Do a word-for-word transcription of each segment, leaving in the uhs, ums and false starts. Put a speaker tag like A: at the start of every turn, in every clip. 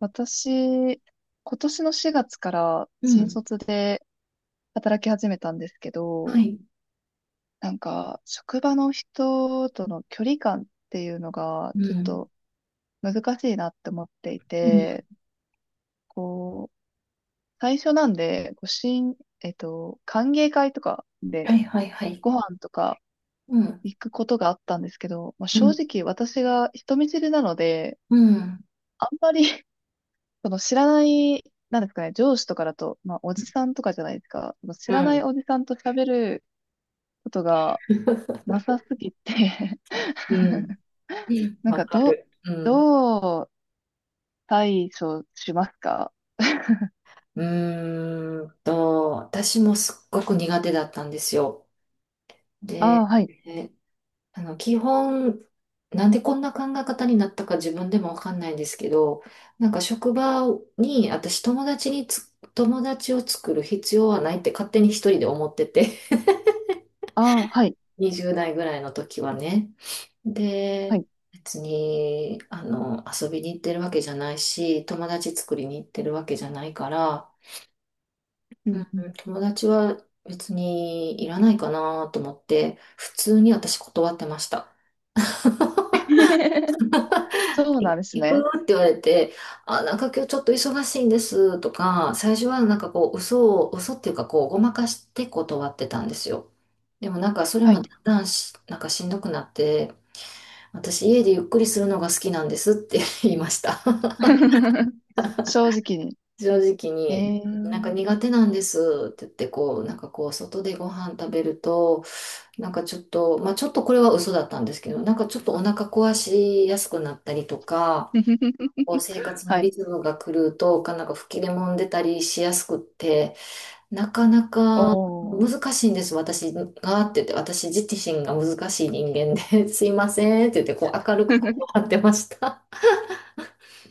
A: 私、今年のしがつから
B: う
A: 新
B: ん。
A: 卒で働き始めたんですけ
B: は
A: ど、
B: い。
A: なんか、職場の人との距離感っていうのが、
B: う
A: ちょっ
B: ん。
A: と難しいなって思ってい
B: うん。
A: て、こう、最初なんで、こう、新、えっと、歓迎会とか
B: は
A: で
B: いはいはい。
A: ご飯とか
B: うん。
A: 行くことがあったんですけど、まあ、
B: う
A: 正
B: ん。
A: 直私が人見知りなので、
B: うん。
A: あんまり その知らない、なんですかね、上司とかだと、まあ、おじさんとかじゃないですか。その知
B: う
A: らない
B: ん。
A: おじさんと喋ることがなさすぎて
B: うん。
A: なん
B: わ
A: か、
B: か
A: どう、
B: る。うん。
A: どう対処しますか？
B: うーんと、私もすっごく苦手だったんですよ。
A: ああー、
B: で、
A: はい。
B: えあの、基本、なんでこんな考え方になったか自分でもわかんないんですけど、なんか職場に、私友達につ、友達を作る必要はないって勝手に一人で思ってて
A: ああ、はい。
B: にじゅう代ぐらいの時はね。
A: は
B: で、
A: い。
B: 別に、あの、遊びに行ってるわけじゃないし、友達作りに行ってるわけじゃないから、
A: うんうん
B: うん、友達は別にいらないかなと思って、普通に私断ってました。
A: そう
B: 行
A: なんです
B: く
A: ね。
B: って言われて、あ、なんか今日ちょっと忙しいんですとか、最初はなんかこう、嘘を、嘘っていうかこう、ごまかして断ってたんですよ。でもなんかそれ
A: は
B: も
A: い。
B: だんだんし、なんかしんどくなって、私家でゆっくりするのが好きなんですって言いました。
A: 正直に。
B: 正直
A: え
B: に。
A: え
B: なんか
A: ー
B: 苦手なんですって言ってこう、なんかこう外でご飯食べると、なんかちょっと、まあちょっとこれは嘘だったんですけど、なんかちょっとお腹壊しやすくなったりとか、こう生活の
A: はい。
B: リズムが狂うと、なんか吹き出もんでたりしやすくって、なかなか
A: お
B: 難
A: ー。
B: しいんです、私がって言って、私自身が難しい人間で、すいませんって言ってこう明るくこう張 ってました。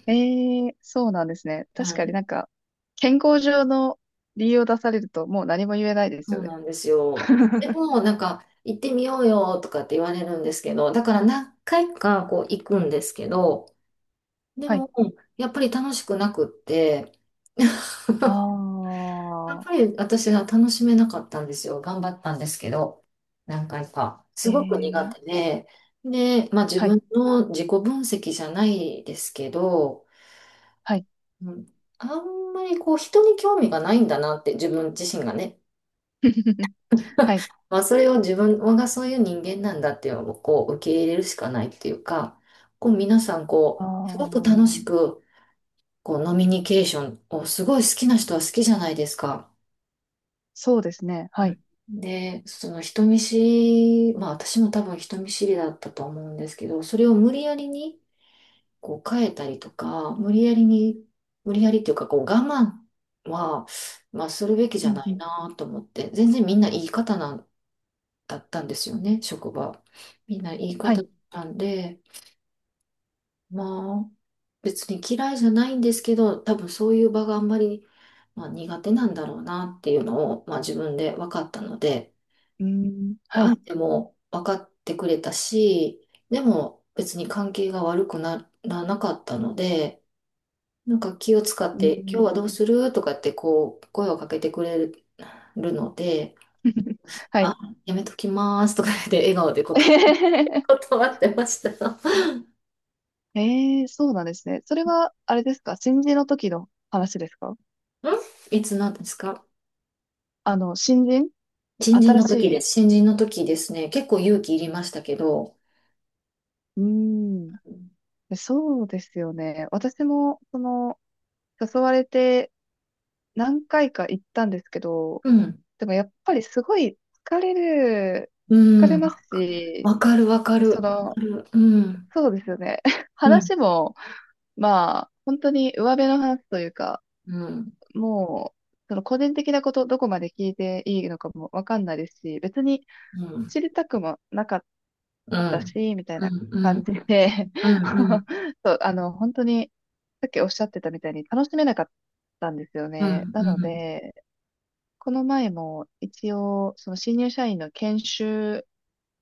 A: ええそうなんですね。確
B: は
A: かに
B: い、
A: なんか、健康上の理由を出されるともう何も言えないです
B: そ
A: よ
B: う
A: ね。
B: なんですよ。で も、なんか、行ってみようよとかって言われるんですけど、だから何回かこう行くんですけど、で
A: はい。
B: も、やっぱり楽しくなくって、や
A: あ
B: っ
A: あ、
B: ぱり私は楽しめなかったんですよ。頑張ったんですけど、何回か。すごく苦
A: え
B: 手
A: え
B: で、で、まあ自
A: はい、
B: 分の自己分析じゃないですけど、
A: はい。
B: うん、あんまりこう人に興味がないんだなって自分自身がね、
A: はい。
B: まあ、それを自分がそういう人間なんだっていうのをこう受け入れるしかないっていうか、こう皆さん
A: あ
B: こう、すごく楽
A: あ、
B: しくこうノミニケーションをすごい好きな人は好きじゃないですか。
A: そうですね。は
B: う
A: い。
B: ん。で、その人見知り、まあ私も多分人見知りだったと思うんですけど、それを無理やりにこう変えたりとか、無理やりに、無理やりっていうかこう我慢は、まあするべきじ
A: う
B: ゃ
A: ん、
B: な
A: う
B: い
A: ん、
B: なと思って、全然みんないい方なだったんですよね、職場。みんないい
A: は
B: 方
A: い。
B: だったんで、まあ、別に嫌いじゃないんですけど、多分そういう場があんまり、まあ、苦手なんだろうなっていうのを、まあ、自分で分かったので、
A: うーん、はい。
B: 相手も分かってくれたし、でも別に関係が悪くならなかったので、なんか気を使っ
A: うー
B: て、今日は
A: ん、
B: どうするとかってこう、声をかけてくれるので、
A: はい。
B: あ、やめときますとか言って笑顔でこと 断ってました。
A: ええそうなんですね。それは、あれですか新人の時の話ですか？
B: ん、いつなんですか。
A: あの、新人
B: 新人
A: 新
B: の
A: し
B: 時で
A: い。
B: す。新人の時ですね。結構勇気いりましたけど。
A: うーん。そうですよね。私も、その、誘われて何回か行ったんですけど、
B: うん。
A: でもやっぱりすごい疲れる、
B: う
A: 疲れ
B: ん。
A: ます
B: わか
A: し、
B: わかるわか
A: でそ
B: る。わ
A: の、
B: かる。うん。
A: そうですよね。
B: うん。
A: 話も、まあ、本当に上辺の話というか、
B: うん。
A: もう、その個人的なこと、どこまで聞いていいのかもわかんないですし、別に
B: うん。
A: 知りたくもなかっ
B: う
A: た
B: ん。
A: し、みたい
B: う
A: な
B: ん。
A: 感じで
B: うん。うん。
A: そう、あの、本当に、さっきおっしゃってたみたいに楽しめなかったんですよ
B: う
A: ね。
B: ん。
A: な
B: う
A: の
B: ん。
A: で、この前も一応、その新入社員の研修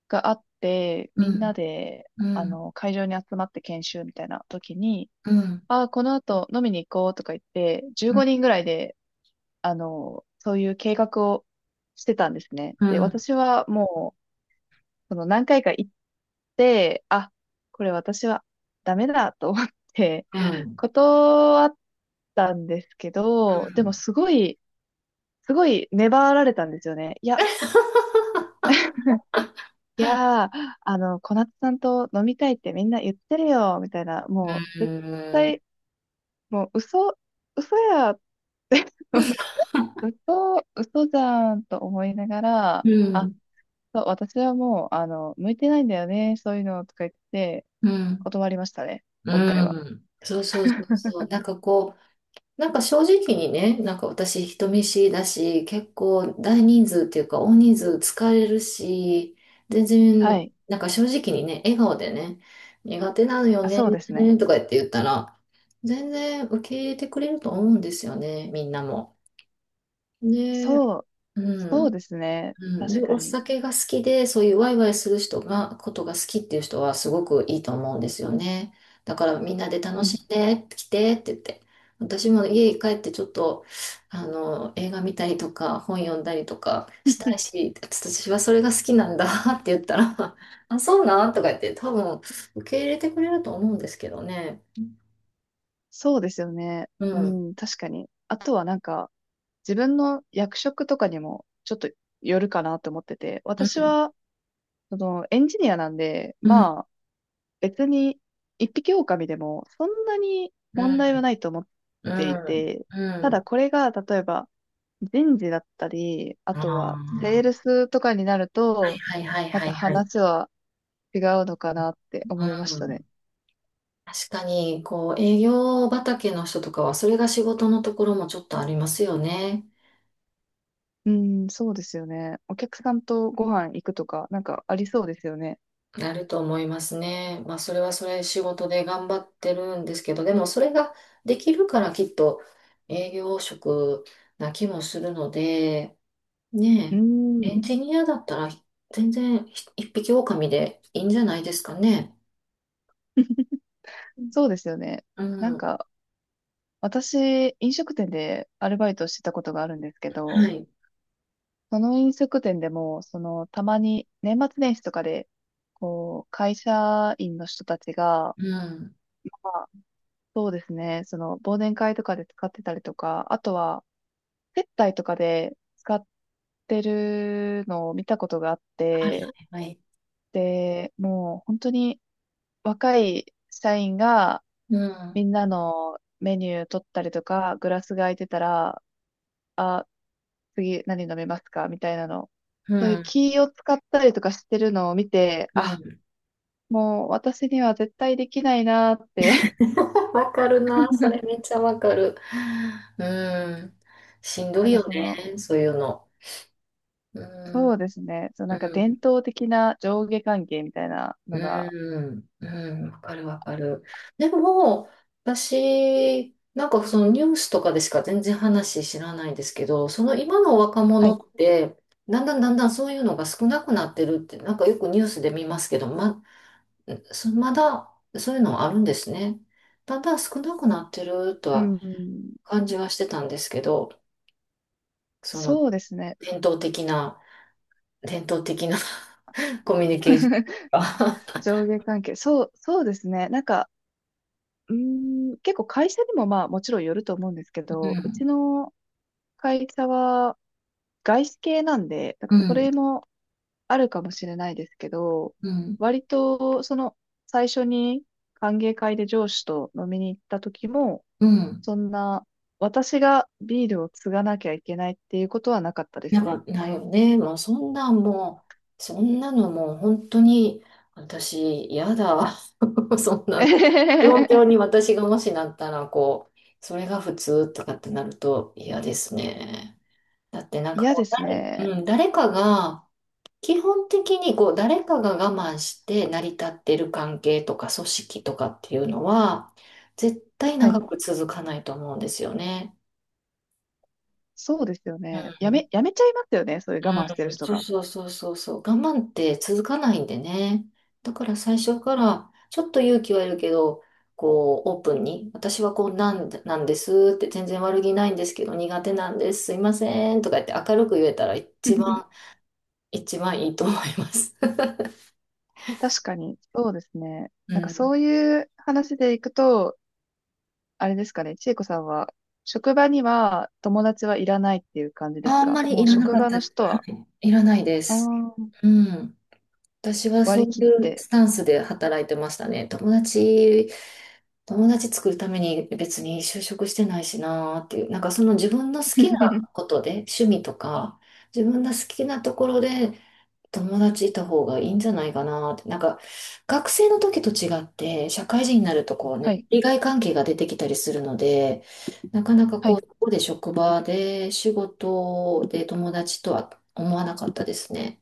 A: があって、
B: う
A: みんな
B: ん。
A: で、
B: う
A: あ
B: ん。
A: の、会場に集まって研修みたいな時に、
B: うん。うん。
A: ああ、この後飲みに行こうとか言って、じゅうごにんぐらいで、あの、そういう計画をしてたんですね。
B: う
A: で、
B: ん。
A: 私はもう、その何回か行って、あ、これ私はダメだと思って、
B: うん。うん。
A: 断ったんですけど、でもすごい、すごい粘られたんですよね。いやいやー、あの、小夏さんと飲みたいってみんな言ってるよ、みたいな、
B: う
A: もう、絶
B: ん。
A: 対、もう、嘘、嘘やって 嘘、嘘じゃんと思いながら、
B: う
A: あ、
B: ん。
A: そう、私はもう、あの、向いてないんだよね、そういうの、とか言って、
B: うん。
A: 断りましたね、
B: う
A: 今回は。
B: ん、そうそうそうそうなんかこう、なんか正直にね、なんか私人見知りだし、結構大人数っていうか大人数疲れるし、全
A: は
B: 然、
A: い。
B: なんか正直にね、笑顔でね、苦手なのよ
A: あ、
B: ね、
A: そうですね。
B: とか言って言ったら、全然受け入れてくれると思うんですよね、みんなも。で、
A: そう、
B: う
A: そう
B: ん。
A: ですね。
B: うん、
A: 確
B: で、
A: か
B: お
A: に。
B: 酒が好きで、そういうワイワイする人が、ことが好きっていう人はすごくいいと思うんですよね。だからみんなで
A: う
B: 楽
A: ん。
B: しんで、来てって言って。私も家に帰ってちょっと、あの、映画見たりとか、本読んだりとかしたいし、私はそれが好きなんだ って言ったら、あ、そうなんとか言って、多分受け入れてくれると思うんですけどね。
A: そうですよね。
B: う
A: う
B: ん、
A: ん、確かに。あとはなんか、自分の役職とかにもちょっとよるかなと思ってて、
B: う
A: 私
B: ん、
A: は、その、エンジニアなんで、
B: うん、
A: まあ、別に、一匹狼でも、そんなに
B: う
A: 問
B: ん、
A: 題はないと思っ
B: う
A: てい
B: ん、
A: て、
B: う
A: ただ
B: ん。
A: これが、例えば、人事だったり、あ
B: あ
A: とは、セール
B: あ、
A: スとかになる
B: はい
A: と、
B: はいはい
A: ま
B: は
A: た
B: いはい。
A: 話は違うのかなって思いま
B: う
A: したね。
B: ん、確かに、こう、営業畑の人とかは、それが仕事のところもちょっとありますよね。
A: うん、そうですよね。お客さんとご飯行くとか、なんかありそうですよね。
B: なると思いますね。まあ、それはそれ仕事で頑張ってるんですけど、でもそれができるからきっと営業職な気もするので、
A: う
B: ね、え、エン
A: ん、
B: ジニアだったら全然ひ一匹狼でいいんじゃないですかね。
A: そうですよね。
B: う
A: なん
B: ん。
A: か、私、飲食店でアルバイトしてたことがあるんですけ
B: は
A: ど、
B: い。
A: その飲食店でも、その、たまに年末年始とかで、こう、会社員の人たちが、
B: うん。
A: まあそうですね、その、忘年会とかで使ってたりとか、あとは、接待とかで使ってるのを見たことがあっ
B: はいは
A: て、
B: いはい。
A: で、もう本当に若い社員が
B: う
A: み
B: ん。
A: んなのメニュー取ったりとか、グラスが空いてたら、あ、次何飲めますかみたいなの。
B: う
A: そういう
B: ん。
A: 気を使ったりとかしてるのを見て、
B: う
A: あ、
B: ん。
A: もう私には絶対できないなーって。
B: わかるな。それめっ ちゃわかる。うん。しんど
A: な
B: い
A: んか
B: よ
A: そ
B: ね。
A: の、
B: そういうの。う
A: そう
B: ん。
A: ですね。そう、なんか
B: う
A: 伝
B: ん。
A: 統的な上下関係みたいなのが、
B: うん。うん。わかるわかる。でも、私、なんかそのニュースとかでしか全然話知らないんですけど、その今の若
A: は
B: 者
A: い。
B: って、だんだんだんだんそういうのが少なくなってるって、なんかよくニュースで見ますけど、ま、そまだそういうのあるんですね。だんだん少なくなってると
A: う
B: は
A: ん。
B: 感じはしてたんですけど、その
A: そうですね。
B: 伝統的な、伝統的な コミュニケーション が
A: 上下関係。そう、そうですね。なんか、うーん、結構会社にもまあもちろんよると思うんですけど、うち の会社は外資系なんで、なん
B: う
A: か
B: ん、う
A: そ
B: ん、
A: れもあるかもしれないですけど、
B: うん、
A: 割と、その、最初に歓迎会で上司と飲みに行った時も、
B: うん。
A: そんな、私がビールを継がなきゃいけないっていうことはなかったで
B: な
A: す
B: ん
A: ね。
B: かないよね。もうそんなんもう、そんなのもう本当に私嫌だ。そんな状 況に私がもしなったら、こう、それが普通とかってなると嫌ですね。だってなんか
A: 嫌
B: こ
A: です
B: う、
A: ね。
B: うん、誰かが、基本的にこう誰かが我慢して成り立ってる関係とか組織とかっていうのは絶対
A: は
B: 長
A: い。
B: く続かないと思うんですよね。
A: そうですよね。
B: う
A: や
B: ん。
A: め、やめちゃいますよね。そういう我慢して
B: う
A: る
B: ん。
A: 人
B: そう
A: が。
B: そうそうそうそう。我慢って続かないんでね。だから最初からちょっと勇気はいるけど、こうオープンに私はこうなんで、なんですって全然悪気ないんですけど苦手なんです。すいませんとか言って明るく言えたら一番 一番いいと思います。
A: 確かに、そうですね。
B: う
A: なんか
B: ん。
A: そういう話でいくと、あれですかね、千恵子さんは、職場には友達はいらないっていう感じです
B: あん
A: か？
B: まり
A: も
B: い
A: う
B: らな
A: 職
B: かっ
A: 場
B: た、
A: の人
B: は
A: は、
B: い、いらないで
A: あ
B: す。
A: ー
B: うん。私はそ
A: 割
B: う
A: り
B: い
A: 切っ
B: う
A: て。
B: スタンスで働いてましたね。友達、友達作るために別に就職してないしなーっていう、なんかその自分の好きな ことで、趣味とか、自分の好きなところで友達いた方がいいんじゃないかなって。なんか、学生の時と違って、社会人になるとこう
A: は
B: ね、
A: い。
B: 利害関係が出てきたりするので、なかなか
A: は
B: こ
A: い。
B: う、ここで職場で仕事で友達とは思わなかったですね。